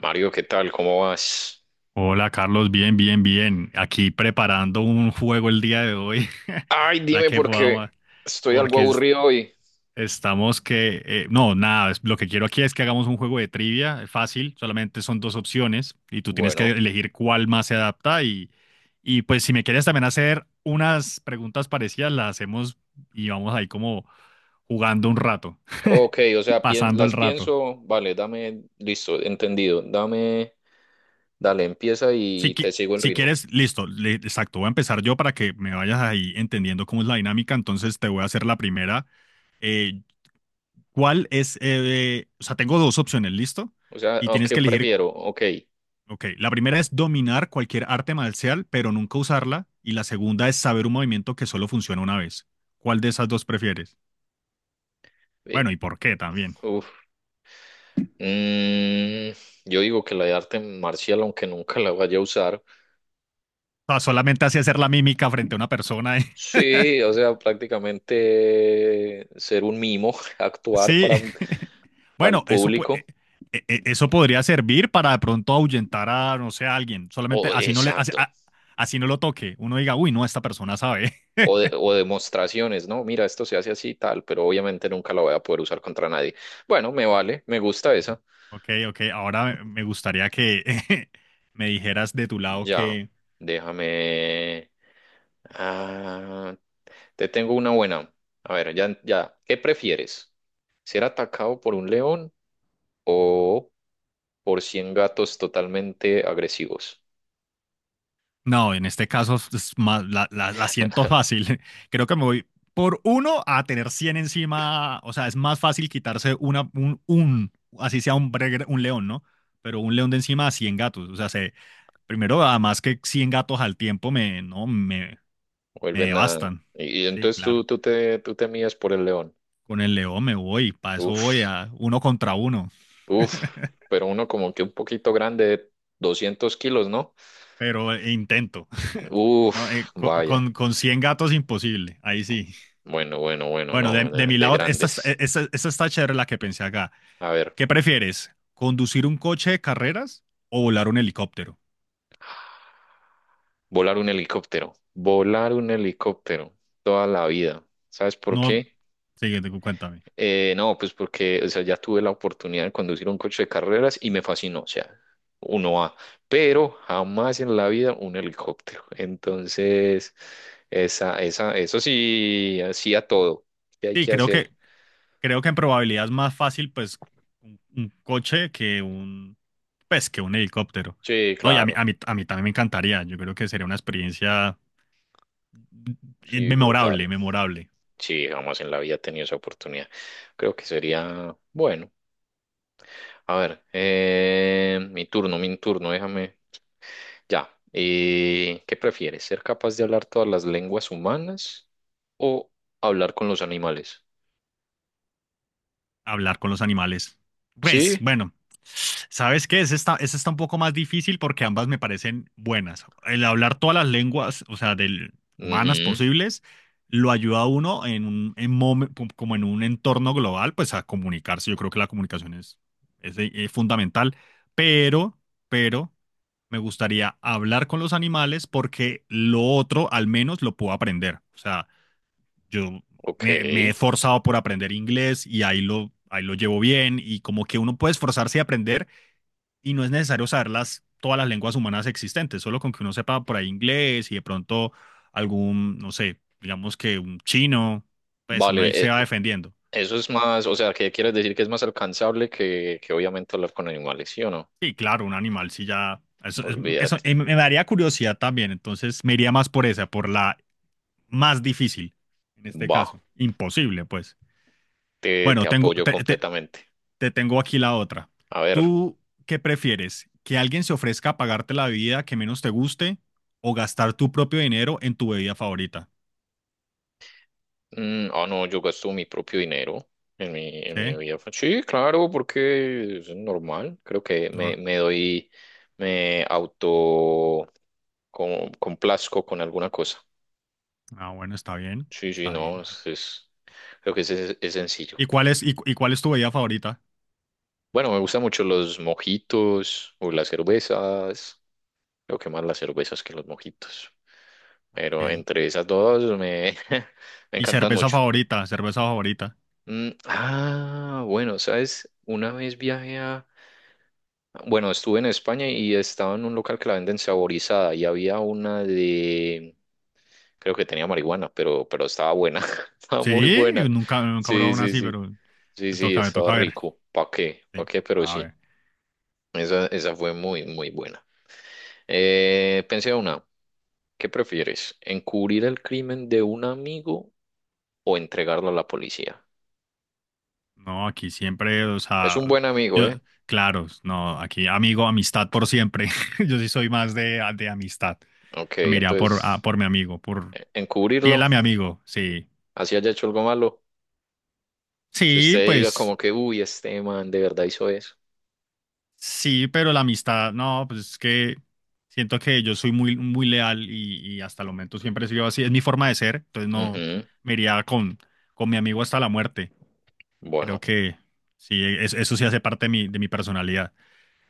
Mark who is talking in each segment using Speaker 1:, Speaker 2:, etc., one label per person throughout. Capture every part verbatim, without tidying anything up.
Speaker 1: Mario, ¿qué tal? ¿Cómo vas?
Speaker 2: Hola Carlos, bien, bien, bien. Aquí preparando un juego el día de hoy
Speaker 1: Ay,
Speaker 2: para
Speaker 1: dime
Speaker 2: que
Speaker 1: porque
Speaker 2: podamos,
Speaker 1: estoy algo
Speaker 2: porque es-
Speaker 1: aburrido hoy.
Speaker 2: estamos que, eh, no, nada, es- lo que quiero aquí es que hagamos un juego de trivia eh, fácil, solamente son dos opciones y tú tienes que
Speaker 1: Bueno,
Speaker 2: elegir cuál más se adapta y, y pues si me quieres también hacer unas preguntas parecidas, las hacemos y vamos ahí como jugando un rato,
Speaker 1: ok, o sea, pien-
Speaker 2: pasando el
Speaker 1: las
Speaker 2: rato.
Speaker 1: pienso, vale, dame, listo, entendido, dame, dale, empieza
Speaker 2: Si,
Speaker 1: y te
Speaker 2: qui-
Speaker 1: sigo el
Speaker 2: si
Speaker 1: ritmo.
Speaker 2: quieres, listo, le- exacto, voy a empezar yo para que me vayas ahí entendiendo cómo es la dinámica, entonces te voy a hacer la primera. Eh, ¿cuál es? Eh, o sea, tengo dos opciones, ¿listo?
Speaker 1: O sea,
Speaker 2: Y
Speaker 1: ¿a
Speaker 2: tienes
Speaker 1: ¿qué
Speaker 2: que elegir,
Speaker 1: prefiero? Ok,
Speaker 2: ok, la primera es dominar cualquier arte marcial, pero nunca usarla, y la segunda es saber un movimiento que solo funciona una vez. ¿Cuál de esas dos prefieres?
Speaker 1: eh,
Speaker 2: Bueno, ¿y por qué también?
Speaker 1: uf, mm, yo digo que la de arte marcial, aunque nunca la vaya a usar,
Speaker 2: O sea, solamente así hacer la mímica frente a una persona.
Speaker 1: sí, o sea, prácticamente ser un mimo, actuar
Speaker 2: Sí,
Speaker 1: para, para el
Speaker 2: bueno, eso, pu- eh,
Speaker 1: público.
Speaker 2: eh, eh, eso podría servir para de pronto ahuyentar a, no sé, a alguien. Solamente
Speaker 1: Oh,
Speaker 2: así no le, así,
Speaker 1: exacto.
Speaker 2: a- así no lo toque. Uno diga, uy, no, esta persona sabe.
Speaker 1: O, de- o demostraciones, ¿no? Mira, esto se hace así y tal, pero obviamente nunca la voy a poder usar contra nadie. Bueno, me vale, me gusta esa.
Speaker 2: Ok, ok, ahora me gustaría que me dijeras de tu lado
Speaker 1: Ya,
Speaker 2: que,
Speaker 1: déjame. Ah, te tengo una buena. A ver, ya, ya. ¿Qué prefieres? ¿Ser atacado por un león o por cien gatos totalmente agresivos?
Speaker 2: no, en este caso es más- la, la- la siento fácil. Creo que me voy por uno a tener cien encima. O sea, es más fácil quitarse una, un, un- así sea un, bre- un león, ¿no? Pero un león de encima a cien gatos. O sea, primero, además que cien gatos al tiempo me, no, me, me
Speaker 1: Vuelven a...
Speaker 2: devastan.
Speaker 1: Y, y
Speaker 2: Sí,
Speaker 1: entonces tú,
Speaker 2: claro.
Speaker 1: tú te, tú te mides por el león.
Speaker 2: Con el león me voy, para eso voy
Speaker 1: Uf,
Speaker 2: a uno contra uno,
Speaker 1: uf, pero uno como que un poquito grande, doscientos kilos, ¿no?
Speaker 2: pero eh, intento. No,
Speaker 1: Uf,
Speaker 2: eh, co-
Speaker 1: vaya.
Speaker 2: con, con cien gatos imposible, ahí sí.
Speaker 1: Bueno, bueno, bueno,
Speaker 2: Bueno, de,
Speaker 1: no,
Speaker 2: de
Speaker 1: de,
Speaker 2: mi
Speaker 1: de
Speaker 2: lado, esta, está-
Speaker 1: grandes.
Speaker 2: esta, esta está chévere la que pensé acá.
Speaker 1: A ver,
Speaker 2: ¿Qué prefieres? ¿Conducir un coche de carreras o volar un helicóptero?
Speaker 1: volar un helicóptero, volar un helicóptero toda la vida. ¿Sabes por
Speaker 2: No,
Speaker 1: qué?
Speaker 2: sí, cuéntame.
Speaker 1: Eh, no, pues porque, o sea, ya tuve la oportunidad de conducir un coche de carreras y me fascinó, o sea, uno a, pero jamás en la vida un helicóptero. Entonces, esa, esa, eso sí, así a todo. ¿Qué hay
Speaker 2: Sí,
Speaker 1: que
Speaker 2: creo que,
Speaker 1: hacer?
Speaker 2: Creo que en probabilidad es más fácil, pues, un, un coche que un, pues, que un helicóptero.
Speaker 1: Sí,
Speaker 2: No, y a mí,
Speaker 1: claro,
Speaker 2: a mí, a mí también me encantaría. Yo creo que sería una experiencia
Speaker 1: sí,
Speaker 2: memorable,
Speaker 1: brutal.
Speaker 2: memorable.
Speaker 1: Sí, jamás en la vida he tenido esa oportunidad. Creo que sería bueno. A ver, eh, mi turno, mi turno, déjame. Ya. Eh, ¿qué prefieres? ¿Ser capaz de hablar todas las lenguas humanas o hablar con los animales?
Speaker 2: Hablar con los animales. Pues,
Speaker 1: Sí.
Speaker 2: bueno, ¿sabes qué? Ese está, ese está un poco más difícil porque ambas me parecen buenas. El hablar todas las lenguas, o sea, del, humanas
Speaker 1: Ujú.
Speaker 2: posibles, lo ayuda a uno en un, en momen- como en un entorno global, pues a comunicarse. Yo creo que la comunicación es, es, eh, fundamental, pero, pero me gustaría hablar con los animales porque lo otro al menos lo puedo aprender. O sea, yo
Speaker 1: Ok.
Speaker 2: me, me, he esforzado por aprender inglés y ahí lo, ahí lo llevo bien y como que uno puede esforzarse y aprender y no es necesario saber las, todas las lenguas humanas existentes, solo con que uno sepa por ahí inglés y de pronto algún, no sé, digamos que un chino, pues uno ahí
Speaker 1: Vale,
Speaker 2: se
Speaker 1: eh,
Speaker 2: va defendiendo.
Speaker 1: eso es más, o sea, ¿qué quieres decir que es más alcanzable que, que obviamente hablar con animales, sí o no?
Speaker 2: Sí, claro, un animal sí ya... Eso, es- eso
Speaker 1: Olvídate.
Speaker 2: eh, me daría curiosidad también, entonces me iría más por esa, por la más difícil en este
Speaker 1: Va,
Speaker 2: caso. Imposible, pues.
Speaker 1: te, te
Speaker 2: Bueno, tengo,
Speaker 1: apoyo
Speaker 2: te, te,
Speaker 1: completamente.
Speaker 2: Te tengo aquí la otra.
Speaker 1: A ver,
Speaker 2: ¿Tú qué prefieres? ¿Que alguien se ofrezca a pagarte la bebida que menos te guste o gastar tu propio dinero en tu bebida favorita?
Speaker 1: Mm, ah, no, yo gasto mi propio dinero en mi, en mi
Speaker 2: ¿Sí?
Speaker 1: vida. Fa- Sí, claro, porque es normal. Creo que
Speaker 2: No,
Speaker 1: me, me doy, me auto com- complazco con alguna cosa.
Speaker 2: ah, bueno, está bien,
Speaker 1: Sí, sí,
Speaker 2: está
Speaker 1: no,
Speaker 2: bien.
Speaker 1: es, es- creo que es, es- es sencillo.
Speaker 2: ¿Y cuál es, y, cu- y cuál es tu bebida favorita?
Speaker 1: Bueno, me gustan mucho los mojitos o las cervezas. Creo que más las cervezas que los mojitos. Pero
Speaker 2: Ok.
Speaker 1: entre esas dos me, me
Speaker 2: ¿Y
Speaker 1: encantan
Speaker 2: cerveza
Speaker 1: mucho.
Speaker 2: favorita? ¿Cerveza favorita?
Speaker 1: Mm, ah, bueno, ¿sabes? Una vez viajé a... Bueno, estuve en España y estaba en un local que la venden saborizada y había una de, creo que tenía marihuana, pero, pero estaba buena, estaba muy
Speaker 2: Sí,
Speaker 1: buena.
Speaker 2: nunca, nunca he probado
Speaker 1: Sí,
Speaker 2: una
Speaker 1: sí,
Speaker 2: así,
Speaker 1: sí,
Speaker 2: pero
Speaker 1: sí,
Speaker 2: me
Speaker 1: sí,
Speaker 2: toca, me
Speaker 1: estaba
Speaker 2: toca ver.
Speaker 1: rico. ¿Para qué? ¿Para
Speaker 2: Sí.
Speaker 1: qué? Pero
Speaker 2: A
Speaker 1: sí,
Speaker 2: ver.
Speaker 1: esa, esa fue muy, muy buena. Eh, pensé una, ¿qué prefieres? ¿Encubrir el crimen de un amigo o entregarlo a la policía?
Speaker 2: No, aquí siempre, o
Speaker 1: Es
Speaker 2: sea,
Speaker 1: un buen amigo,
Speaker 2: yo,
Speaker 1: ¿eh?
Speaker 2: claro, no, aquí amigo, amistad por siempre. Yo sí soy más de, de amistad.
Speaker 1: Ok,
Speaker 2: Me iría por, a-
Speaker 1: entonces,
Speaker 2: por mi amigo, por
Speaker 1: eh,
Speaker 2: fiel
Speaker 1: encubrirlo,
Speaker 2: a mi amigo, sí.
Speaker 1: así haya hecho algo malo. Que
Speaker 2: Sí,
Speaker 1: usted diga
Speaker 2: pues
Speaker 1: como que, uy, este man de verdad hizo eso.
Speaker 2: sí, pero la amistad, no, pues es que siento que yo soy muy, muy leal y, y hasta el momento siempre he sido así, es mi forma de ser, entonces no
Speaker 1: Ujú.
Speaker 2: me iría con, con mi amigo hasta la muerte. Creo
Speaker 1: Bueno,
Speaker 2: que sí, es- eso sí hace parte de mi, de mi personalidad.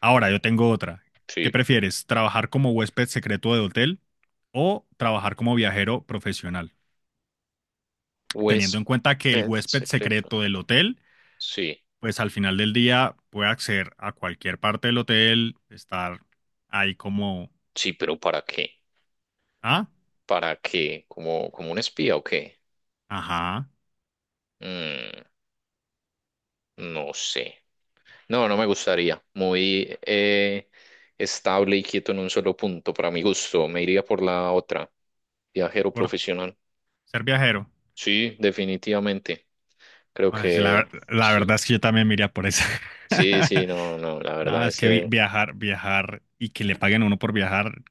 Speaker 2: Ahora, yo tengo otra. ¿Qué
Speaker 1: sí.
Speaker 2: prefieres? ¿Trabajar como huésped secreto de hotel o trabajar como viajero profesional? Teniendo en cuenta que el
Speaker 1: Huésped
Speaker 2: huésped
Speaker 1: secreto.
Speaker 2: secreto del hotel
Speaker 1: Sí,
Speaker 2: pues al final del día puede acceder a cualquier parte del hotel, estar ahí como,
Speaker 1: sí, pero ¿para qué?
Speaker 2: ah,
Speaker 1: ¿Para qué? ¿Como, como un espía o qué?
Speaker 2: ajá,
Speaker 1: Mm, no sé. No, no me gustaría. Muy eh, estable y quieto en un solo punto, para mi gusto. Me iría por la otra. Viajero
Speaker 2: por
Speaker 1: profesional.
Speaker 2: ser viajero.
Speaker 1: Sí, definitivamente. Creo
Speaker 2: Ay, sí, la,
Speaker 1: que
Speaker 2: la
Speaker 1: sí.
Speaker 2: verdad es que yo también me iría por eso.
Speaker 1: Sí, sí, no, no, la
Speaker 2: No,
Speaker 1: verdad
Speaker 2: es
Speaker 1: es...
Speaker 2: que vi- viajar, viajar y que le paguen a uno por viajar,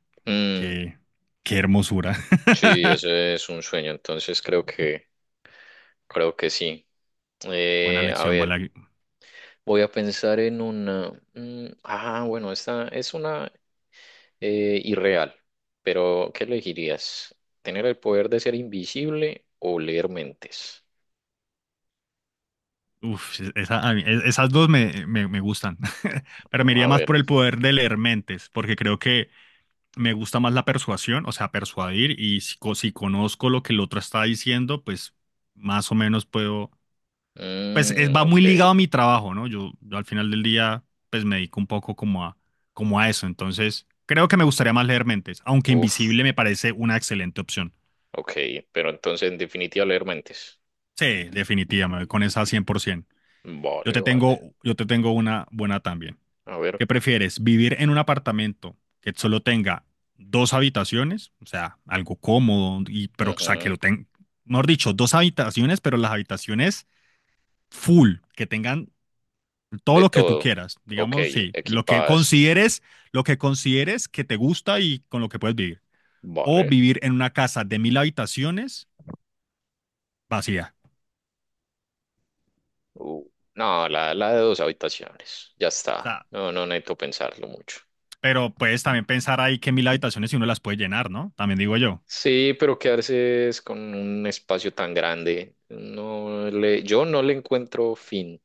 Speaker 2: qué, qué hermosura.
Speaker 1: Sí, eso es un sueño, entonces creo que, creo que sí.
Speaker 2: Buena
Speaker 1: Eh, a
Speaker 2: lección, buena.
Speaker 1: ver, voy a pensar en una. Mm, ah, bueno, esta es una eh, irreal, pero ¿qué elegirías? ¿Tener el poder de ser invisible o leer mentes?
Speaker 2: Uf, esa- a mí- e, esas dos me, me, me gustan. Pero me iría
Speaker 1: A
Speaker 2: más
Speaker 1: ver,
Speaker 2: por el poder de leer mentes, porque creo que me gusta más la persuasión, o sea, persuadir, y si, co- si conozco lo que el otro está diciendo, pues más o menos puedo, pues es-
Speaker 1: mm,
Speaker 2: va
Speaker 1: ok,
Speaker 2: muy ligado a mi trabajo, ¿no? Yo, yo al final del día, pues me dedico un poco como a, como a eso, entonces creo que me gustaría más leer mentes, aunque
Speaker 1: uf,
Speaker 2: Invisible me parece una excelente opción.
Speaker 1: ok, pero entonces en definitiva leer mentes.
Speaker 2: Sí, definitivamente, con esa cien por ciento. Yo
Speaker 1: Vale,
Speaker 2: te
Speaker 1: vale,
Speaker 2: tengo, yo te tengo una buena también.
Speaker 1: a ver,
Speaker 2: ¿Qué prefieres? ¿Vivir en un apartamento que solo tenga dos habitaciones? O sea, algo cómodo, y, pero o sea, que
Speaker 1: ujú.
Speaker 2: lo tenga, mejor dicho, dos habitaciones, pero las habitaciones full, que tengan todo
Speaker 1: De
Speaker 2: lo que tú
Speaker 1: todo,
Speaker 2: quieras,
Speaker 1: ok,
Speaker 2: digamos, sí, lo que
Speaker 1: equipadas,
Speaker 2: consideres, lo que consideres que te gusta y con lo que puedes vivir. O
Speaker 1: vale.
Speaker 2: vivir en una casa de mil habitaciones vacía.
Speaker 1: Uh, no, la, la de dos habitaciones, ya
Speaker 2: O
Speaker 1: está.
Speaker 2: sea,
Speaker 1: No, no necesito pensarlo mucho.
Speaker 2: pero puedes también pensar ahí que mil habitaciones si uno las puede llenar, ¿no? También digo yo.
Speaker 1: Sí, pero quedarse es con un espacio tan grande, no le, yo no le encuentro fin.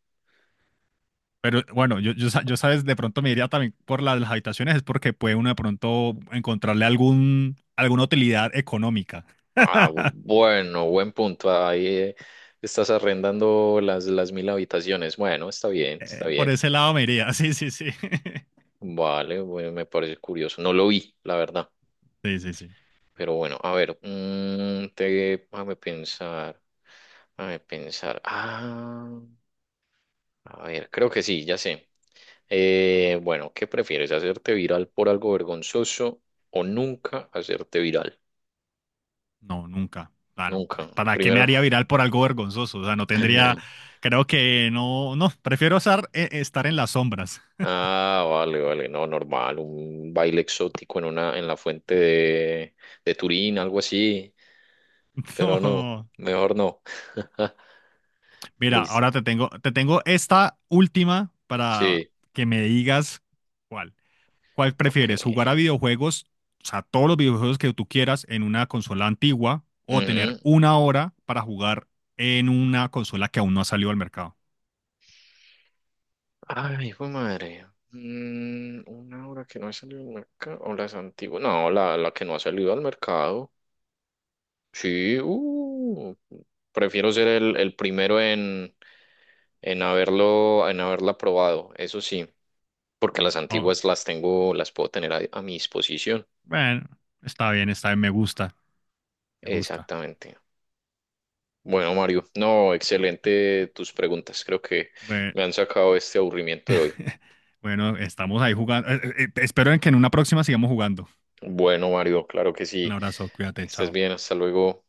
Speaker 2: Pero bueno, yo, yo, sa- yo, sabes, de pronto me iría también por la de las habitaciones, es porque puede uno de pronto encontrarle algún, alguna utilidad económica.
Speaker 1: Ah, bueno, buen punto. Ahí eh, estás arrendando las, las mil habitaciones. Bueno, está bien, está
Speaker 2: Eh, por
Speaker 1: bien.
Speaker 2: ese lado me iría, sí, sí, sí.
Speaker 1: Vale, bueno, me parece curioso. No lo vi, la verdad.
Speaker 2: Sí, sí, sí.
Speaker 1: Pero bueno, a ver, mm, te, déjame pensar. Déjame pensar. Ah. A ver, creo que sí, ya sé. Eh, bueno, ¿qué prefieres? ¿Hacerte viral por algo vergonzoso o nunca hacerte viral?
Speaker 2: No, nunca. Claro, pa-
Speaker 1: Nunca.
Speaker 2: ¿para qué me
Speaker 1: Primero.
Speaker 2: haría viral por algo vergonzoso? O sea, no tendría, creo que no, no, prefiero estar, eh, estar en las sombras.
Speaker 1: Ah, vale, vale, no, normal, un baile exótico en una, en la fuente de, de Turín, algo así, pero no,
Speaker 2: No.
Speaker 1: mejor no.
Speaker 2: Mira,
Speaker 1: Listo.
Speaker 2: ahora te tengo, te tengo esta última para
Speaker 1: Sí,
Speaker 2: que me digas cuál. ¿Cuál
Speaker 1: ok.
Speaker 2: prefieres? ¿Jugar a videojuegos, o sea, todos los videojuegos que tú quieras en una consola antigua o tener
Speaker 1: Ujú.
Speaker 2: una hora para jugar en una consola que aún no ha salido al mercado?
Speaker 1: Ay, fue madre. Mm, una hora que no ha salido al mercado, o las antiguas, no, la, la que no ha salido al mercado. Sí, uh, prefiero ser el, el primero en, en haberlo, en haberla probado, eso sí, porque las
Speaker 2: Oh,
Speaker 1: antiguas las tengo, las puedo tener a, a mi disposición.
Speaker 2: bueno, está bien, está bien, me gusta, me gusta.
Speaker 1: Exactamente. Bueno, Mario, no, excelente tus preguntas. Creo que
Speaker 2: Bueno,
Speaker 1: me han sacado este aburrimiento de hoy.
Speaker 2: bueno, estamos ahí jugando. Eh, eh, espero en que en una próxima sigamos jugando.
Speaker 1: Bueno, Mario, claro que
Speaker 2: Un
Speaker 1: sí.
Speaker 2: abrazo, cuídate,
Speaker 1: Que estés
Speaker 2: chao.
Speaker 1: bien, hasta luego.